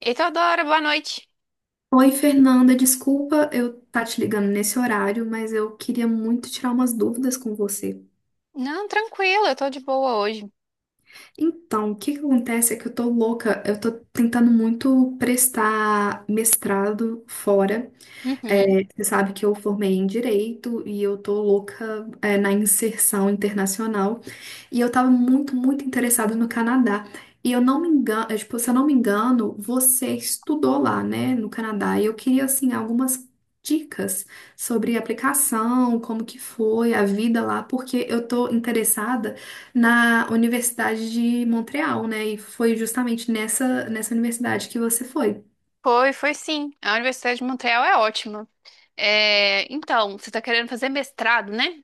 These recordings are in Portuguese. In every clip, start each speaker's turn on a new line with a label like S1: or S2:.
S1: Eita, Adora, boa noite.
S2: Oi, Fernanda, desculpa eu estar te ligando nesse horário, mas eu queria muito tirar umas dúvidas com você.
S1: Não, tranquilo. Eu tô de boa hoje.
S2: Então, o que que acontece é que eu tô louca, eu tô tentando muito prestar mestrado fora.
S1: Uhum.
S2: Você sabe que eu formei em direito e eu tô louca, na inserção internacional. E eu tava muito interessada no Canadá. E eu não me engano, é, tipo, Se eu não me engano, você estudou lá, né, no Canadá. E eu queria, assim, algumas dicas sobre a aplicação, como que foi a vida lá, porque eu tô interessada na Universidade de Montreal, né? E foi justamente nessa universidade que você foi.
S1: Foi, foi sim. A Universidade de Montreal é ótima. É, então, você tá querendo fazer mestrado, né?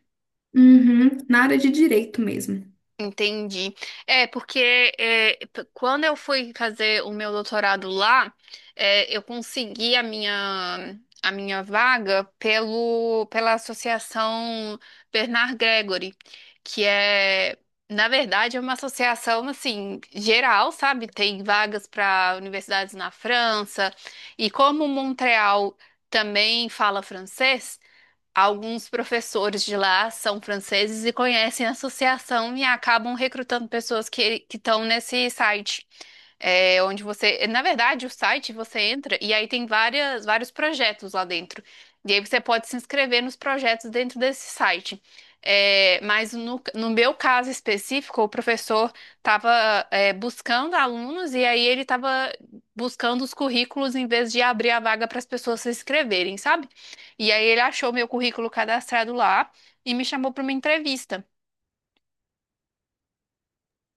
S2: Uhum, na área de direito mesmo.
S1: Entendi. Quando eu fui fazer o meu doutorado lá, eu consegui a minha vaga pelo, pela Associação Bernard Gregory, que é, na verdade, é uma associação, assim, geral, sabe? Tem vagas para universidades na França, e como Montreal também fala francês, alguns professores de lá são franceses e conhecem a associação e acabam recrutando pessoas que estão nesse site, onde você, na verdade, o site você entra e aí tem várias, vários projetos lá dentro. E aí você pode se inscrever nos projetos dentro desse site. Mas no meu caso específico, o professor estava buscando alunos e aí ele estava buscando os currículos em vez de abrir a vaga para as pessoas se inscreverem, sabe? E aí ele achou meu currículo cadastrado lá e me chamou para uma entrevista.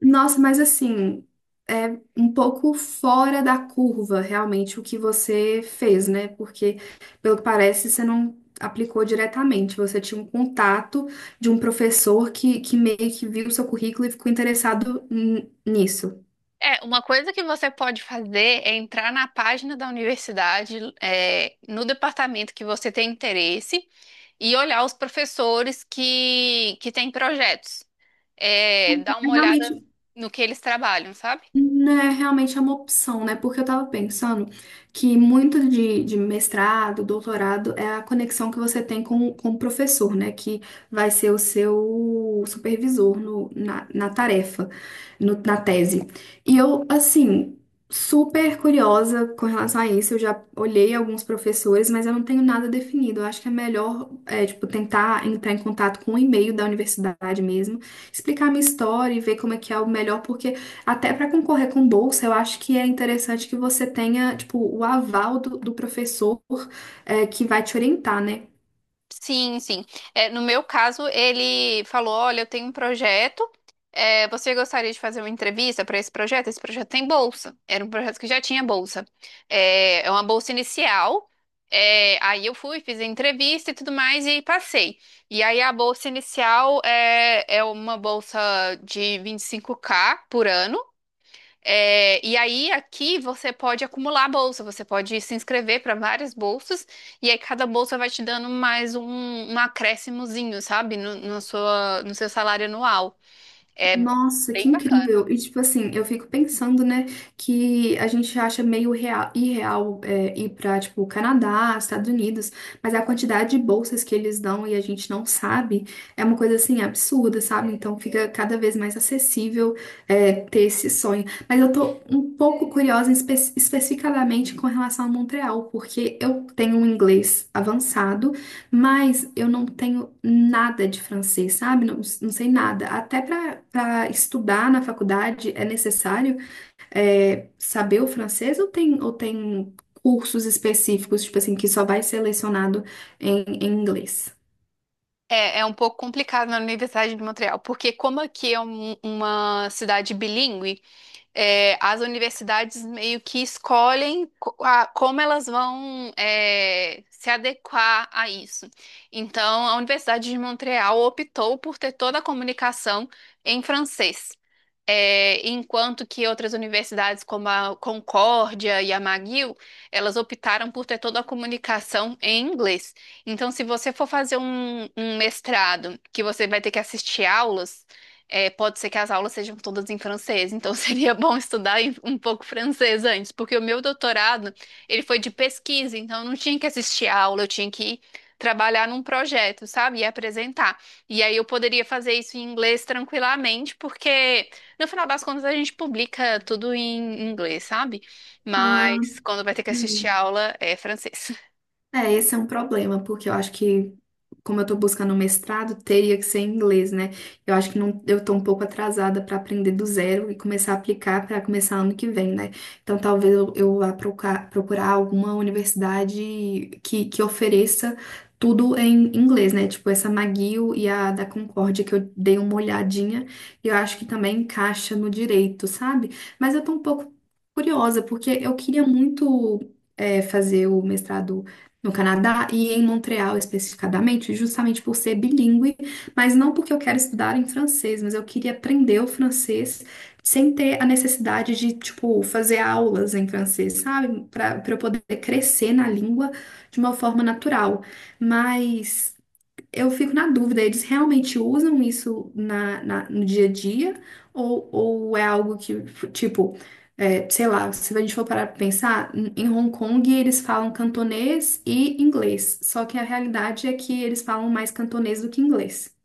S2: Nossa, mas assim, é um pouco fora da curva realmente o que você fez, né? Porque, pelo que parece, você não aplicou diretamente. Você tinha um contato de um professor que meio que viu o seu currículo e ficou interessado nisso.
S1: Uma coisa que você pode fazer é entrar na página da universidade, no departamento que você tem interesse, e olhar os professores que têm projetos. É, dar
S2: É.
S1: uma olhada
S2: Realmente.
S1: no que eles trabalham, sabe?
S2: Não, é realmente é uma opção, né? Porque eu tava pensando que muito de mestrado, doutorado, é a conexão que você tem com o professor, né? Que vai ser o seu supervisor na tarefa, na tese. E eu, assim, super curiosa com relação a isso. Eu já olhei alguns professores, mas eu não tenho nada definido. Eu acho que é melhor, é, tipo, tentar entrar em contato com o e-mail da universidade mesmo, explicar a minha história e ver como é que é o melhor, porque. Até para concorrer com bolsa, eu acho que é interessante que você tenha, tipo, o aval do professor, é, que vai te orientar, né?
S1: Sim, sim. No meu caso, ele falou: Olha, eu tenho um projeto. É, você gostaria de fazer uma entrevista para esse projeto? Esse projeto tem bolsa. Era um projeto que já tinha bolsa. É uma bolsa inicial. É, aí eu fui, fiz a entrevista e tudo mais e passei. E aí a bolsa inicial é uma bolsa de 25K por ano. É, e aí, aqui você pode acumular bolsa, você pode se inscrever para várias bolsas, e aí cada bolsa vai te dando mais um, um acréscimozinho, sabe? No seu salário anual. É
S2: Nossa, que
S1: bem bacana.
S2: incrível! E tipo assim, eu fico pensando, né, que a gente acha meio real, irreal é, ir pra, tipo, Canadá, Estados Unidos, mas a quantidade de bolsas que eles dão e a gente não sabe é uma coisa assim absurda, sabe? Então fica cada vez mais acessível é, ter esse sonho. Mas eu tô um pouco curiosa especificadamente com relação a Montreal, porque eu tenho um inglês avançado. Mas eu não tenho nada de francês, sabe? Não, não sei nada. Até para estudar na faculdade é necessário, é, saber o francês ou tem cursos específicos, tipo assim, que só vai ser lecionado em inglês?
S1: É um pouco complicado na Universidade de Montreal, porque como aqui é uma cidade bilíngue, as universidades meio que escolhem como elas vão se adequar a isso. Então, a Universidade de Montreal optou por ter toda a comunicação em francês. É, enquanto que outras universidades, como a Concórdia e a McGill, elas optaram por ter toda a comunicação em inglês. Então, se você for fazer um mestrado que você vai ter que assistir aulas, pode ser que as aulas sejam todas em francês, então seria bom estudar um pouco francês antes, porque o meu doutorado, ele foi de pesquisa, então eu não tinha que assistir a aula, eu tinha que trabalhar num projeto, sabe? E apresentar. E aí eu poderia fazer isso em inglês tranquilamente, porque no final das contas a gente publica tudo em inglês, sabe?
S2: Ah,
S1: Mas quando vai ter que assistir a aula é francês.
S2: é, esse é um problema, porque eu acho que, como eu tô buscando um mestrado, teria que ser em inglês, né? Eu acho que não, eu tô um pouco atrasada para aprender do zero e começar a aplicar para começar ano que vem, né? Então talvez eu vá procurar alguma universidade que ofereça tudo em inglês, né? Tipo essa McGill e a da Concórdia, que eu dei uma olhadinha, e eu acho que também encaixa no direito, sabe? Mas eu tô um pouco curiosa, porque eu queria muito, é, fazer o mestrado no Canadá e em Montreal especificadamente, justamente por ser bilíngue, mas não porque eu quero estudar em francês, mas eu queria aprender o francês sem ter a necessidade de, tipo, fazer aulas em francês, sabe? Para eu poder crescer na língua de uma forma natural. Mas eu fico na dúvida, eles realmente usam isso na, no dia a dia? Ou é algo que, tipo, é, sei lá, se a gente for parar pra pensar, em Hong Kong eles falam cantonês e inglês. Só que a realidade é que eles falam mais cantonês do que inglês.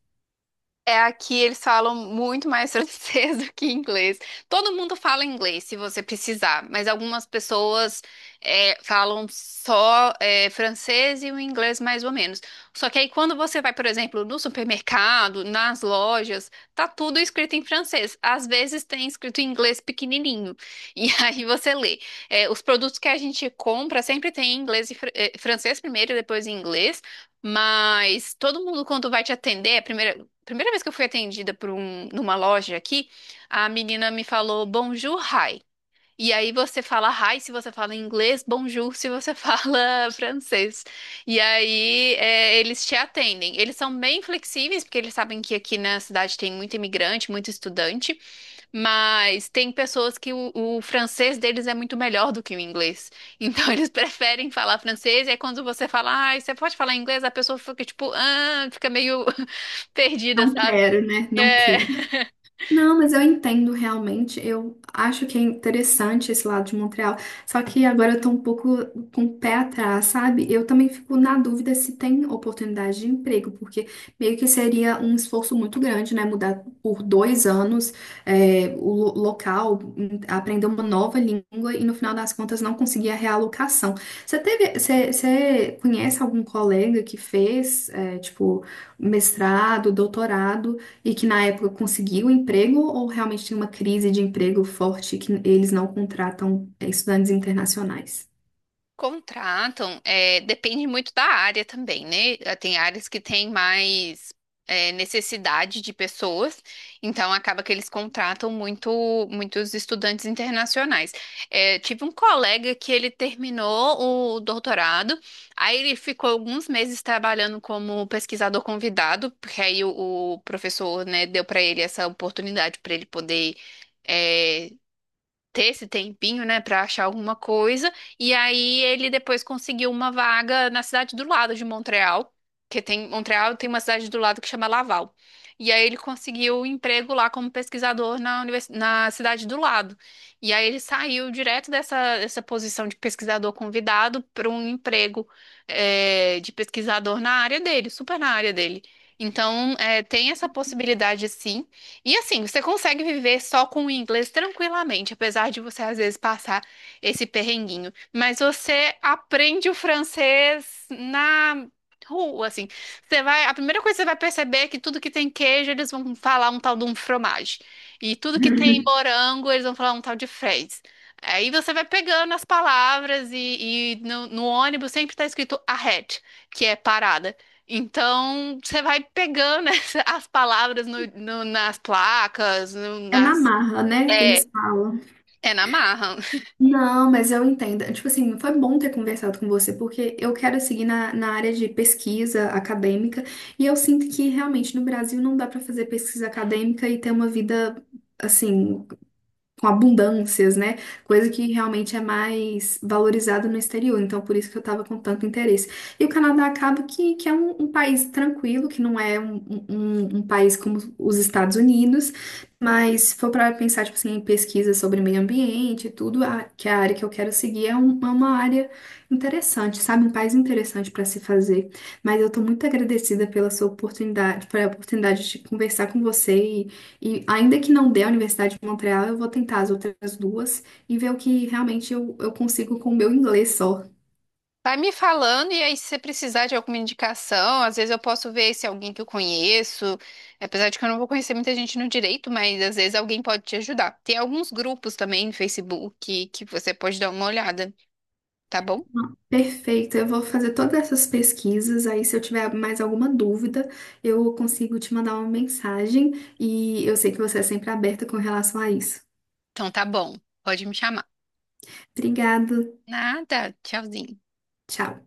S1: É, aqui eles falam muito mais francês do que inglês. Todo mundo fala inglês se você precisar, mas algumas pessoas falam só francês e o inglês mais ou menos. Só que aí quando você vai, por exemplo, no supermercado, nas lojas, tá tudo escrito em francês. Às vezes tem escrito em inglês pequenininho. E aí você lê. É, os produtos que a gente compra sempre tem em inglês e francês primeiro e depois em inglês. Mas todo mundo, quando vai te atender, a primeira vez que eu fui atendida por um, numa loja aqui, a menina me falou bonjour, hi. E aí você fala hi se você fala inglês, bonjour se você fala francês. E aí eles te atendem. Eles são bem flexíveis, porque eles sabem que aqui na cidade tem muito imigrante, muito estudante, mas tem pessoas que o francês deles é muito melhor do que o inglês. Então eles preferem falar francês, e aí quando você fala, ai, você pode falar inglês, a pessoa fica tipo, ah, fica meio perdida,
S2: Não quero, né? Não
S1: é,
S2: quero. Não, mas eu entendo realmente. Eu acho que é interessante esse lado de Montreal. Só que agora eu tô um pouco com o pé atrás, sabe? Eu também fico na dúvida se tem oportunidade de emprego, porque meio que seria um esforço muito grande, né? Mudar por dois anos, é, o local, aprender uma nova língua e no final das contas não conseguir a realocação. Você conhece algum colega que fez, é, tipo, mestrado, doutorado? E que na época conseguiu um emprego ou realmente tem uma crise de emprego forte que eles não contratam, é, estudantes internacionais?
S1: contratam, depende muito da área também, né? Ah, tem áreas que têm mais necessidade de pessoas, então acaba que eles contratam muito, muitos estudantes internacionais. É, tive um colega que ele terminou o doutorado, aí ele ficou alguns meses trabalhando como pesquisador convidado, porque aí o professor, né, deu para ele essa oportunidade para ele poder é, ter esse tempinho, né, pra achar alguma coisa. E aí ele depois conseguiu uma vaga na cidade do lado de Montreal, que tem Montreal tem uma cidade do lado que chama Laval. E aí ele conseguiu um emprego lá como pesquisador na, na cidade do lado. E aí ele saiu direto dessa, dessa posição de pesquisador convidado para um emprego de pesquisador na área dele, super na área dele. Então, tem essa possibilidade sim. E assim, você consegue viver só com o inglês tranquilamente, apesar de você às vezes passar esse perrenguinho. Mas você aprende o francês na rua, assim. Você vai, a primeira coisa que você vai perceber é que tudo que tem queijo, eles vão falar um tal de um fromage. E tudo que tem morango, eles vão falar um tal de fraise. Aí você vai pegando as palavras e no ônibus sempre está escrito ahead, que é parada. Então, você vai pegando as palavras nas placas,
S2: É na
S1: nas.
S2: marra, né, que
S1: É,
S2: eles falam.
S1: é na marra.
S2: Não, mas eu entendo. Tipo assim, foi bom ter conversado com você, porque eu quero seguir na, na área de pesquisa acadêmica, e eu sinto que realmente no Brasil não dá para fazer pesquisa acadêmica e ter uma vida, assim, com abundâncias, né? Coisa que realmente é mais valorizada no exterior. Então, por isso que eu tava com tanto interesse. E o Canadá acaba que é um, um país tranquilo, que não é um, um país como os Estados Unidos, mas se for para pensar, tipo assim, em pesquisa sobre meio ambiente e tudo, que é a área que eu quero seguir é, é uma área interessante, sabe? Um país interessante para se fazer. Mas eu tô muito agradecida pela sua oportunidade, pela oportunidade de conversar com você e ainda que não dê a Universidade de Montreal, eu vou tentar as outras duas e ver o que realmente eu consigo com o meu inglês só.
S1: Vai me falando, e aí, se você precisar de alguma indicação, às vezes eu posso ver se é alguém que eu conheço. Apesar de que eu não vou conhecer muita gente no direito, mas às vezes alguém pode te ajudar. Tem alguns grupos também no Facebook que você pode dar uma olhada, tá bom?
S2: Perfeito, eu vou fazer todas essas pesquisas. Aí, se eu tiver mais alguma dúvida, eu consigo te mandar uma mensagem. E eu sei que você é sempre aberta com relação a isso.
S1: Então tá bom, pode me chamar.
S2: Obrigada,
S1: Nada, tchauzinho.
S2: tchau.